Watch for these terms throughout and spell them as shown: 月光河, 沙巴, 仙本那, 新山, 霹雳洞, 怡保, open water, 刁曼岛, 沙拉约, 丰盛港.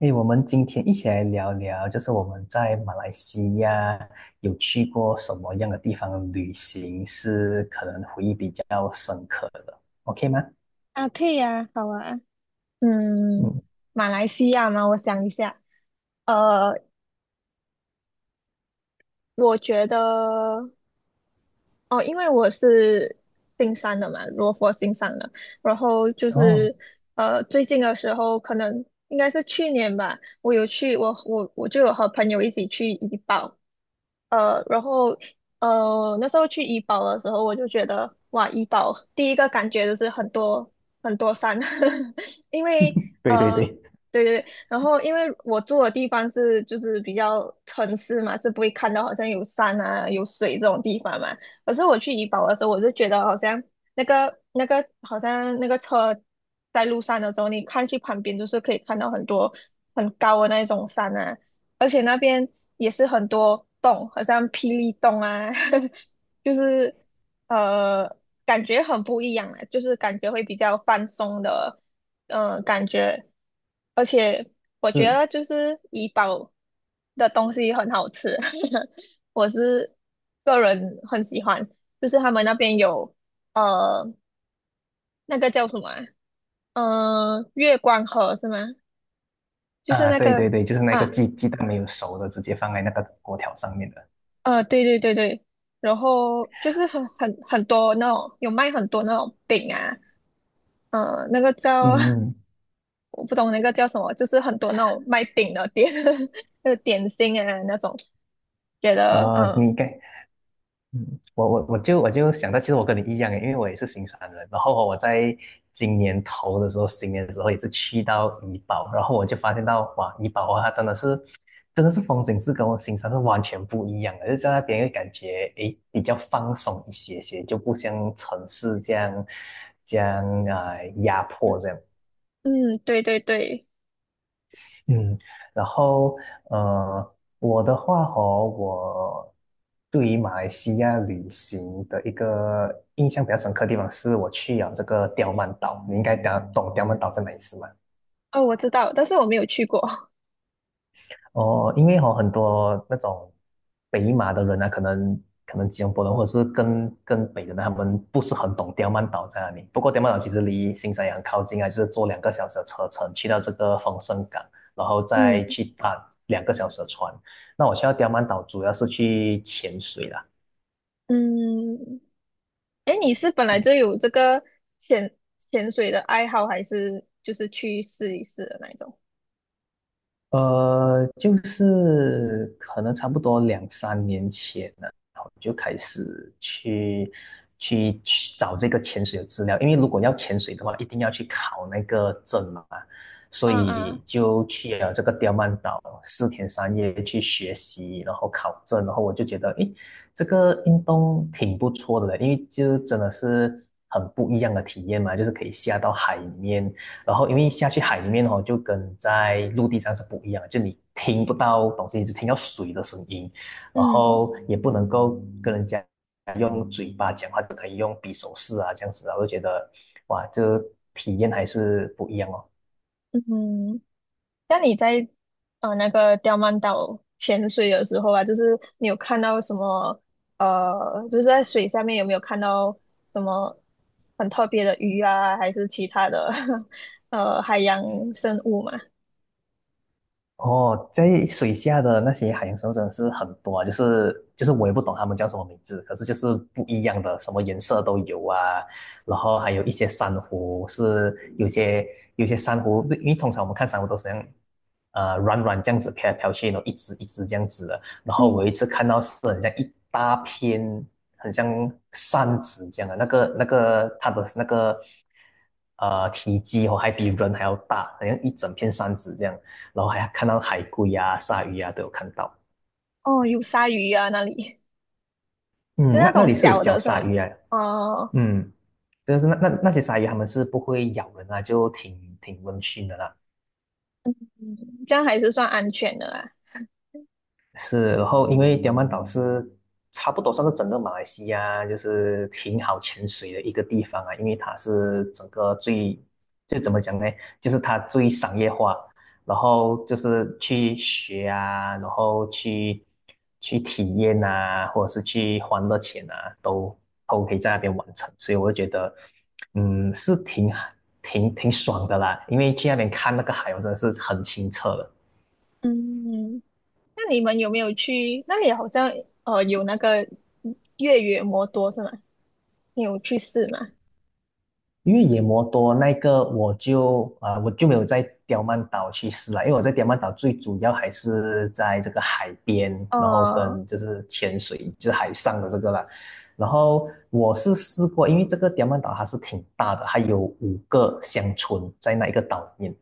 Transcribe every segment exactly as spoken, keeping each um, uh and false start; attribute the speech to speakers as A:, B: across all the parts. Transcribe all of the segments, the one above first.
A: 诶，我们今天一起来聊聊，就是我们在马来西亚有去过什么样的地方旅行，是可能回忆比较深刻的，OK 吗？
B: 啊，可以啊，好啊。嗯，
A: 嗯，
B: 马来西亚吗？我想一下，呃，我觉得。哦，因为我是新山的嘛，罗佛新山的，然后就
A: 哦，
B: 是呃，最近的时候可能应该是去年吧，我有去，我我我就有和朋友一起去怡保。呃，然后呃那时候去怡保的时候，我就觉得哇，怡保第一个感觉就是很多很多山，因为
A: 对对对，
B: 呃对对对。然后因为我住的地方是就是比较城市嘛，是不会看到好像有山啊有水这种地方嘛。可是我去怡保的时候，我就觉得好像那个那个好像那个车在路上的时候，你看去旁边就是可以看到很多很高的那种山啊，而且那边也是很多洞，好像霹雳洞啊，就是呃感觉很不一样啊，就是感觉会比较放松的，嗯、感觉，而且我觉
A: 是
B: 得就是怡保的东西很好吃。我是个人很喜欢，就是他们那边有呃那个叫什么啊？呃，月光河是吗？就是
A: 啊，
B: 那
A: 对对
B: 个
A: 对，就是那个
B: 啊
A: 鸡鸡蛋没有熟的，直接放在那个锅条上面的。
B: 呃，对对对对。然后就是很很很多那种有卖很多那种饼啊，呃，那个
A: 嗯
B: 叫
A: 嗯，
B: 我不懂那个叫什么，就是很多那种卖饼的店，那个点心啊那种，觉
A: 嗯
B: 得
A: 呃，你
B: 嗯
A: 该嗯，我我我就我就想到，其实我跟你一样诶，因为我也是新山人。然后我在今年头的时候，新年的时候也是去到怡保，然后我就发现到哇，怡保啊，它真的是真的是风景是跟我新山是完全不一样的，就在那边会感觉诶比较放松一些些，就不像城市这样这样啊、压迫这样。
B: 嗯对对对。
A: 嗯，然后呃，我的话哦，我对于马来西亚旅行的一个印象比较深刻的地方是，我去了这个刁曼岛。你应该懂懂刁曼岛在哪里是吗？
B: 哦我知道，但是我没有去过，
A: 哦，因为哦，很多那种北马的人呢，可能可能吉隆坡人或者是更更北的人，他们不是很懂刁曼岛在哪里。不过刁曼岛其实离新山也很靠近啊，就是坐两个小时的车程去到这个丰盛港，然后 再
B: 嗯
A: 去搭两个小时的船。那我去到刁曼岛主要是去潜水啦。
B: 嗯。哎，你是本来就有这个潜潜水的爱好，还是就是去试一试的那一种？
A: 呃，就是可能差不多两三年前呢，然后就开始去去去找这个潜水的资料，因为如果要潜水的话，一定要去考那个证嘛，所
B: 嗯嗯
A: 以就去了这个刁曼岛四天三夜去学习，然后考证，然后我就觉得，诶，这个运动挺不错的嘞，因为就真的是很不一样的体验嘛，就是可以下到海里面，然后因为下去海里面哦，就跟在陆地上是不一样的，就你听不到东西，你只听到水的声音，然
B: 嗯
A: 后也不能够跟人家用嘴巴讲话，只可以用比手势啊这样子啊，我就觉得哇，这体验还是不一样哦。
B: 嗯，那你在呃那个刁曼岛潜水的时候啊，就是你有看到什么呃，就是在水下面有没有看到什么很特别的鱼啊，还是其他的 呃海洋生物嘛？
A: 哦，在水下的那些海洋生物真的是很多啊，就是就是我也不懂它们叫什么名字，可是就是不一样的，什么颜色都有啊。然后还有一些珊瑚是有些有些珊瑚，因为通常我们看珊瑚都是这样，呃，软软这样子飘来飘去，然后一只一只这样子的。然后
B: 嗯，
A: 我有一次看到是很像一大片，很像扇子这样的，那个那个它的那个呃体积哦，还比人还要大，好像一整片扇子这样。然后还看到海龟啊、鲨鱼啊都有看到。
B: 哦，有鲨鱼啊，那里 是
A: 嗯，
B: 那
A: 那那
B: 种
A: 里是有
B: 小
A: 小
B: 的是
A: 鲨
B: 吗？
A: 鱼啊，
B: 哦，
A: 嗯，但是那那那些鲨鱼它们是不会咬人啊，就挺挺温驯的啦。
B: 嗯，这样还是算安全的啦。
A: 是，然后因为刁曼岛是差不多算是整个马来西亚就是挺好潜水的一个地方啊，因为它是整个最，就怎么讲呢，就是它最商业化，然后就是去学啊，然后去去体验啊，或者是去欢乐钱啊，都都可以在那边完成，所以我就觉得，嗯，是挺挺挺爽的啦，因为去那边看那个海，我真的是很清澈的。
B: 嗯，那你们有没有去？那里好像呃有那个越野摩托是吗？你有去试吗？
A: 因为野摩多那个我就啊、呃我就没有在刁曼岛去试了，因为我在刁曼岛最主要还是在这个海边，然后
B: 呃，
A: 跟就是潜水，就是海上的这个啦。然后我是试过，因为这个刁曼岛它是挺大的，它有五个乡村在那一个岛里面。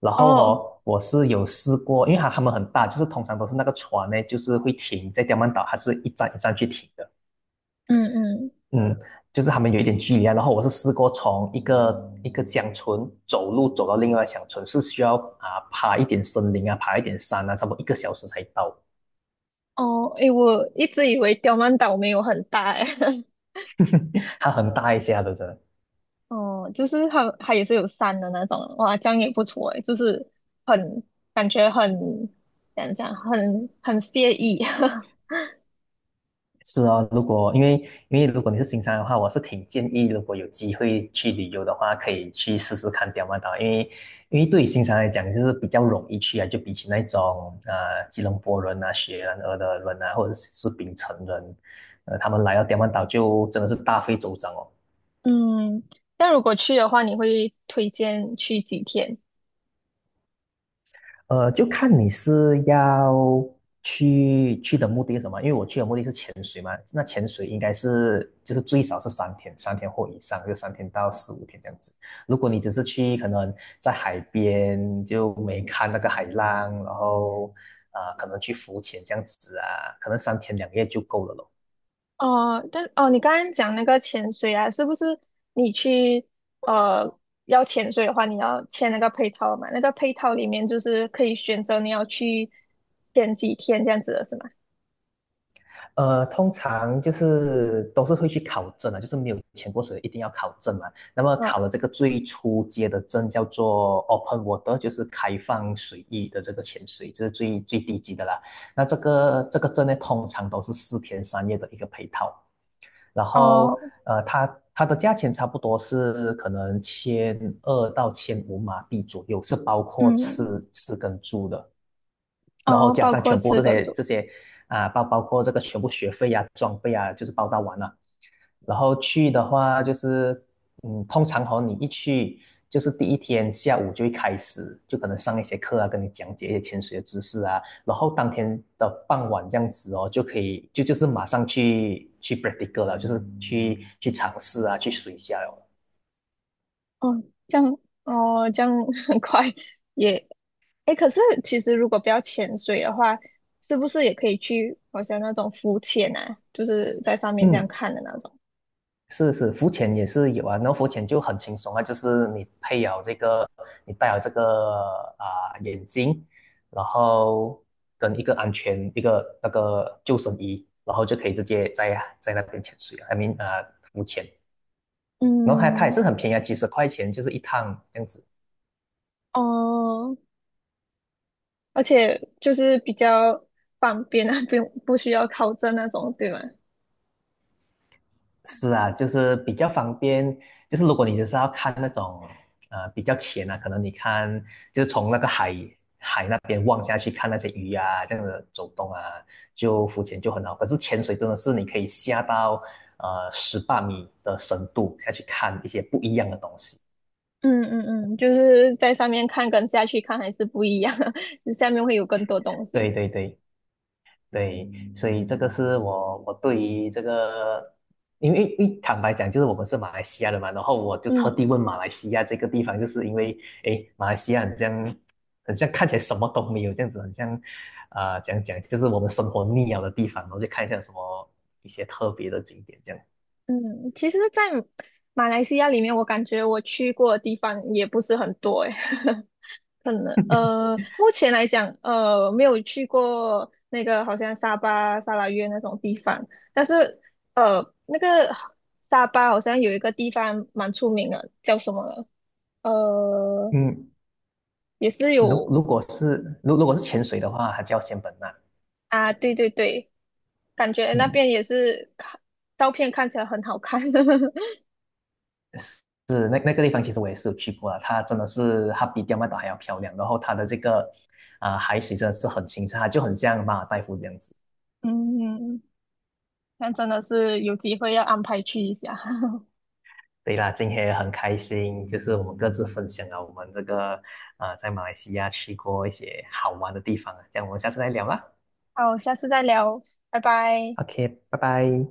A: 然后
B: 哦，
A: 哦，我是有试过，因为它它们很大，就是通常都是那个船呢，就是会停在刁曼岛，它是一站一站去停的。
B: 嗯嗯。
A: 嗯，就是他们有一点距离啊。然后我是试过从一个一个乡村走路走到另外一个乡村，是需要啊爬一点森林啊，爬一点山啊，差不多一个小时才到。
B: 哦，诶，我一直以为刁曼岛没有很大诶，
A: 它很大一下的，真的
B: 哦，就是它它也是有山的那种，哇，这样也不错诶，就是很感觉很怎样讲，很很惬意。
A: 是啊，如果因为因为如果你是新山的话，我是挺建议，如果有机会去旅游的话，可以去试试看刁曼岛，因为因为对于新山来讲，就是比较容易去啊，就比起那种啊，吉隆坡人啊、雪兰莪的人啊，或者是槟城人，呃，他们来到刁曼岛就真的是大费周章哦。
B: 嗯，那如果去的话，你会推荐去几天？
A: 呃，就看你是要去去的目的是什么，因为我去的目的是潜水嘛，那潜水应该是就是最少是三天，三天或以上，就三天到四五天这样子。如果你只是去可能在海边就没看那个海浪，然后啊、呃可能去浮潜这样子啊，可能三天两夜就够了咯。
B: 哦，但哦，你刚刚讲那个潜水啊，是不是你去呃要潜水的话，你要签那个配套嘛？那个配套里面就是可以选择你要去潜几天这样子的是吗？
A: 呃，通常就是都是会去考证啊，就是没有潜过水一定要考证嘛。那么考
B: 啊，
A: 了这个最初阶的证叫做 open water，就是开放水域的这个潜水，这、就是最最低级的啦。那这个这个证呢，通常都是四天三夜的一个配套，然后
B: 哦，
A: 呃，它它的价钱差不多是可能千二到千五马币左右，是包括吃
B: 嗯，
A: 吃跟住的。然后
B: 哦，
A: 加
B: 包
A: 上
B: 括
A: 全部
B: 四
A: 这
B: 个
A: 些这
B: 组。
A: 些啊，包包括这个全部学费啊、装备啊，就是包到完了。然后去的话，就是嗯，通常和你一去，就是第一天下午就会开始，就可能上一些课啊，跟你讲解一些潜水的知识啊。然后当天的傍晚这样子哦，就可以就就是马上去去 practical 了，就是去去尝试啊，去水下哦，
B: 哦，这样，哦，这样 很快也。诶，可是其实如果不要潜水的话，是不是也可以去好像那种浮潜啊，就是在上面这样
A: 嗯，
B: 看的那种？
A: 是是，浮潜也是有啊，然后浮潜就很轻松啊，就是你配有这个，你戴有这个啊、眼镜，然后跟一个安全一个那个救生衣，然后就可以直接在在那边潜水啊，I mean 啊、浮潜，然后它它也
B: 嗯，
A: 是很便宜啊，几十块钱就是一趟这样子。
B: 哦。而且就是比较方便啊，不用不需要考证那种，对吗？
A: 是啊，就是比较方便。就是如果你就是要看那种呃比较浅啊，可能你看就是从那个海海那边望下去看那些鱼啊，这样的走动啊，就浮潜就很好。可是潜水真的是你可以下到呃十八米的深度下去看一些不一样的东西。
B: 嗯嗯嗯，就是在上面看跟下去看还是不一样啊，就下面会有更多东西。
A: 对对对。对，所以这个是我我对于这个，因为因为坦白讲，就是我们是马来西亚的嘛，然后我就特地
B: 嗯
A: 问马来西亚这个地方，就是因为诶，马来西亚很像很像看起来什么都没有这样子，很像啊、讲讲就是我们生活腻了的地方，我就看一下有什么一些特别的景点这样。
B: 嗯，其实，在马来西亚里面，我感觉我去过的地方也不是很多诶。可能 呃，目前来讲，呃，没有去过那个好像沙巴、沙拉约那种地方，但是呃，那个沙巴好像有一个地方蛮出名的，叫什么了呃，
A: 嗯，
B: 也是
A: 如
B: 有
A: 如果是如如果是潜水的话，它叫仙本那。
B: 啊，对对对，感觉那
A: 嗯。
B: 边也是看照片看起来很好看，
A: 是那那个地方，其实我也是有去过了。它真的是，它比刁曼岛还要漂亮。然后它的这个啊、海水真的是很清澈，它就很像马尔代夫这样子。
B: 嗯，那真的是有机会要安排去一下。
A: 对啦，今天也很开心，就是我们各自分享了我们这个啊、在马来西亚去过一些好玩的地方啊。这样我们下次再聊啦。
B: 好，下次再聊，拜拜。
A: OK，拜拜。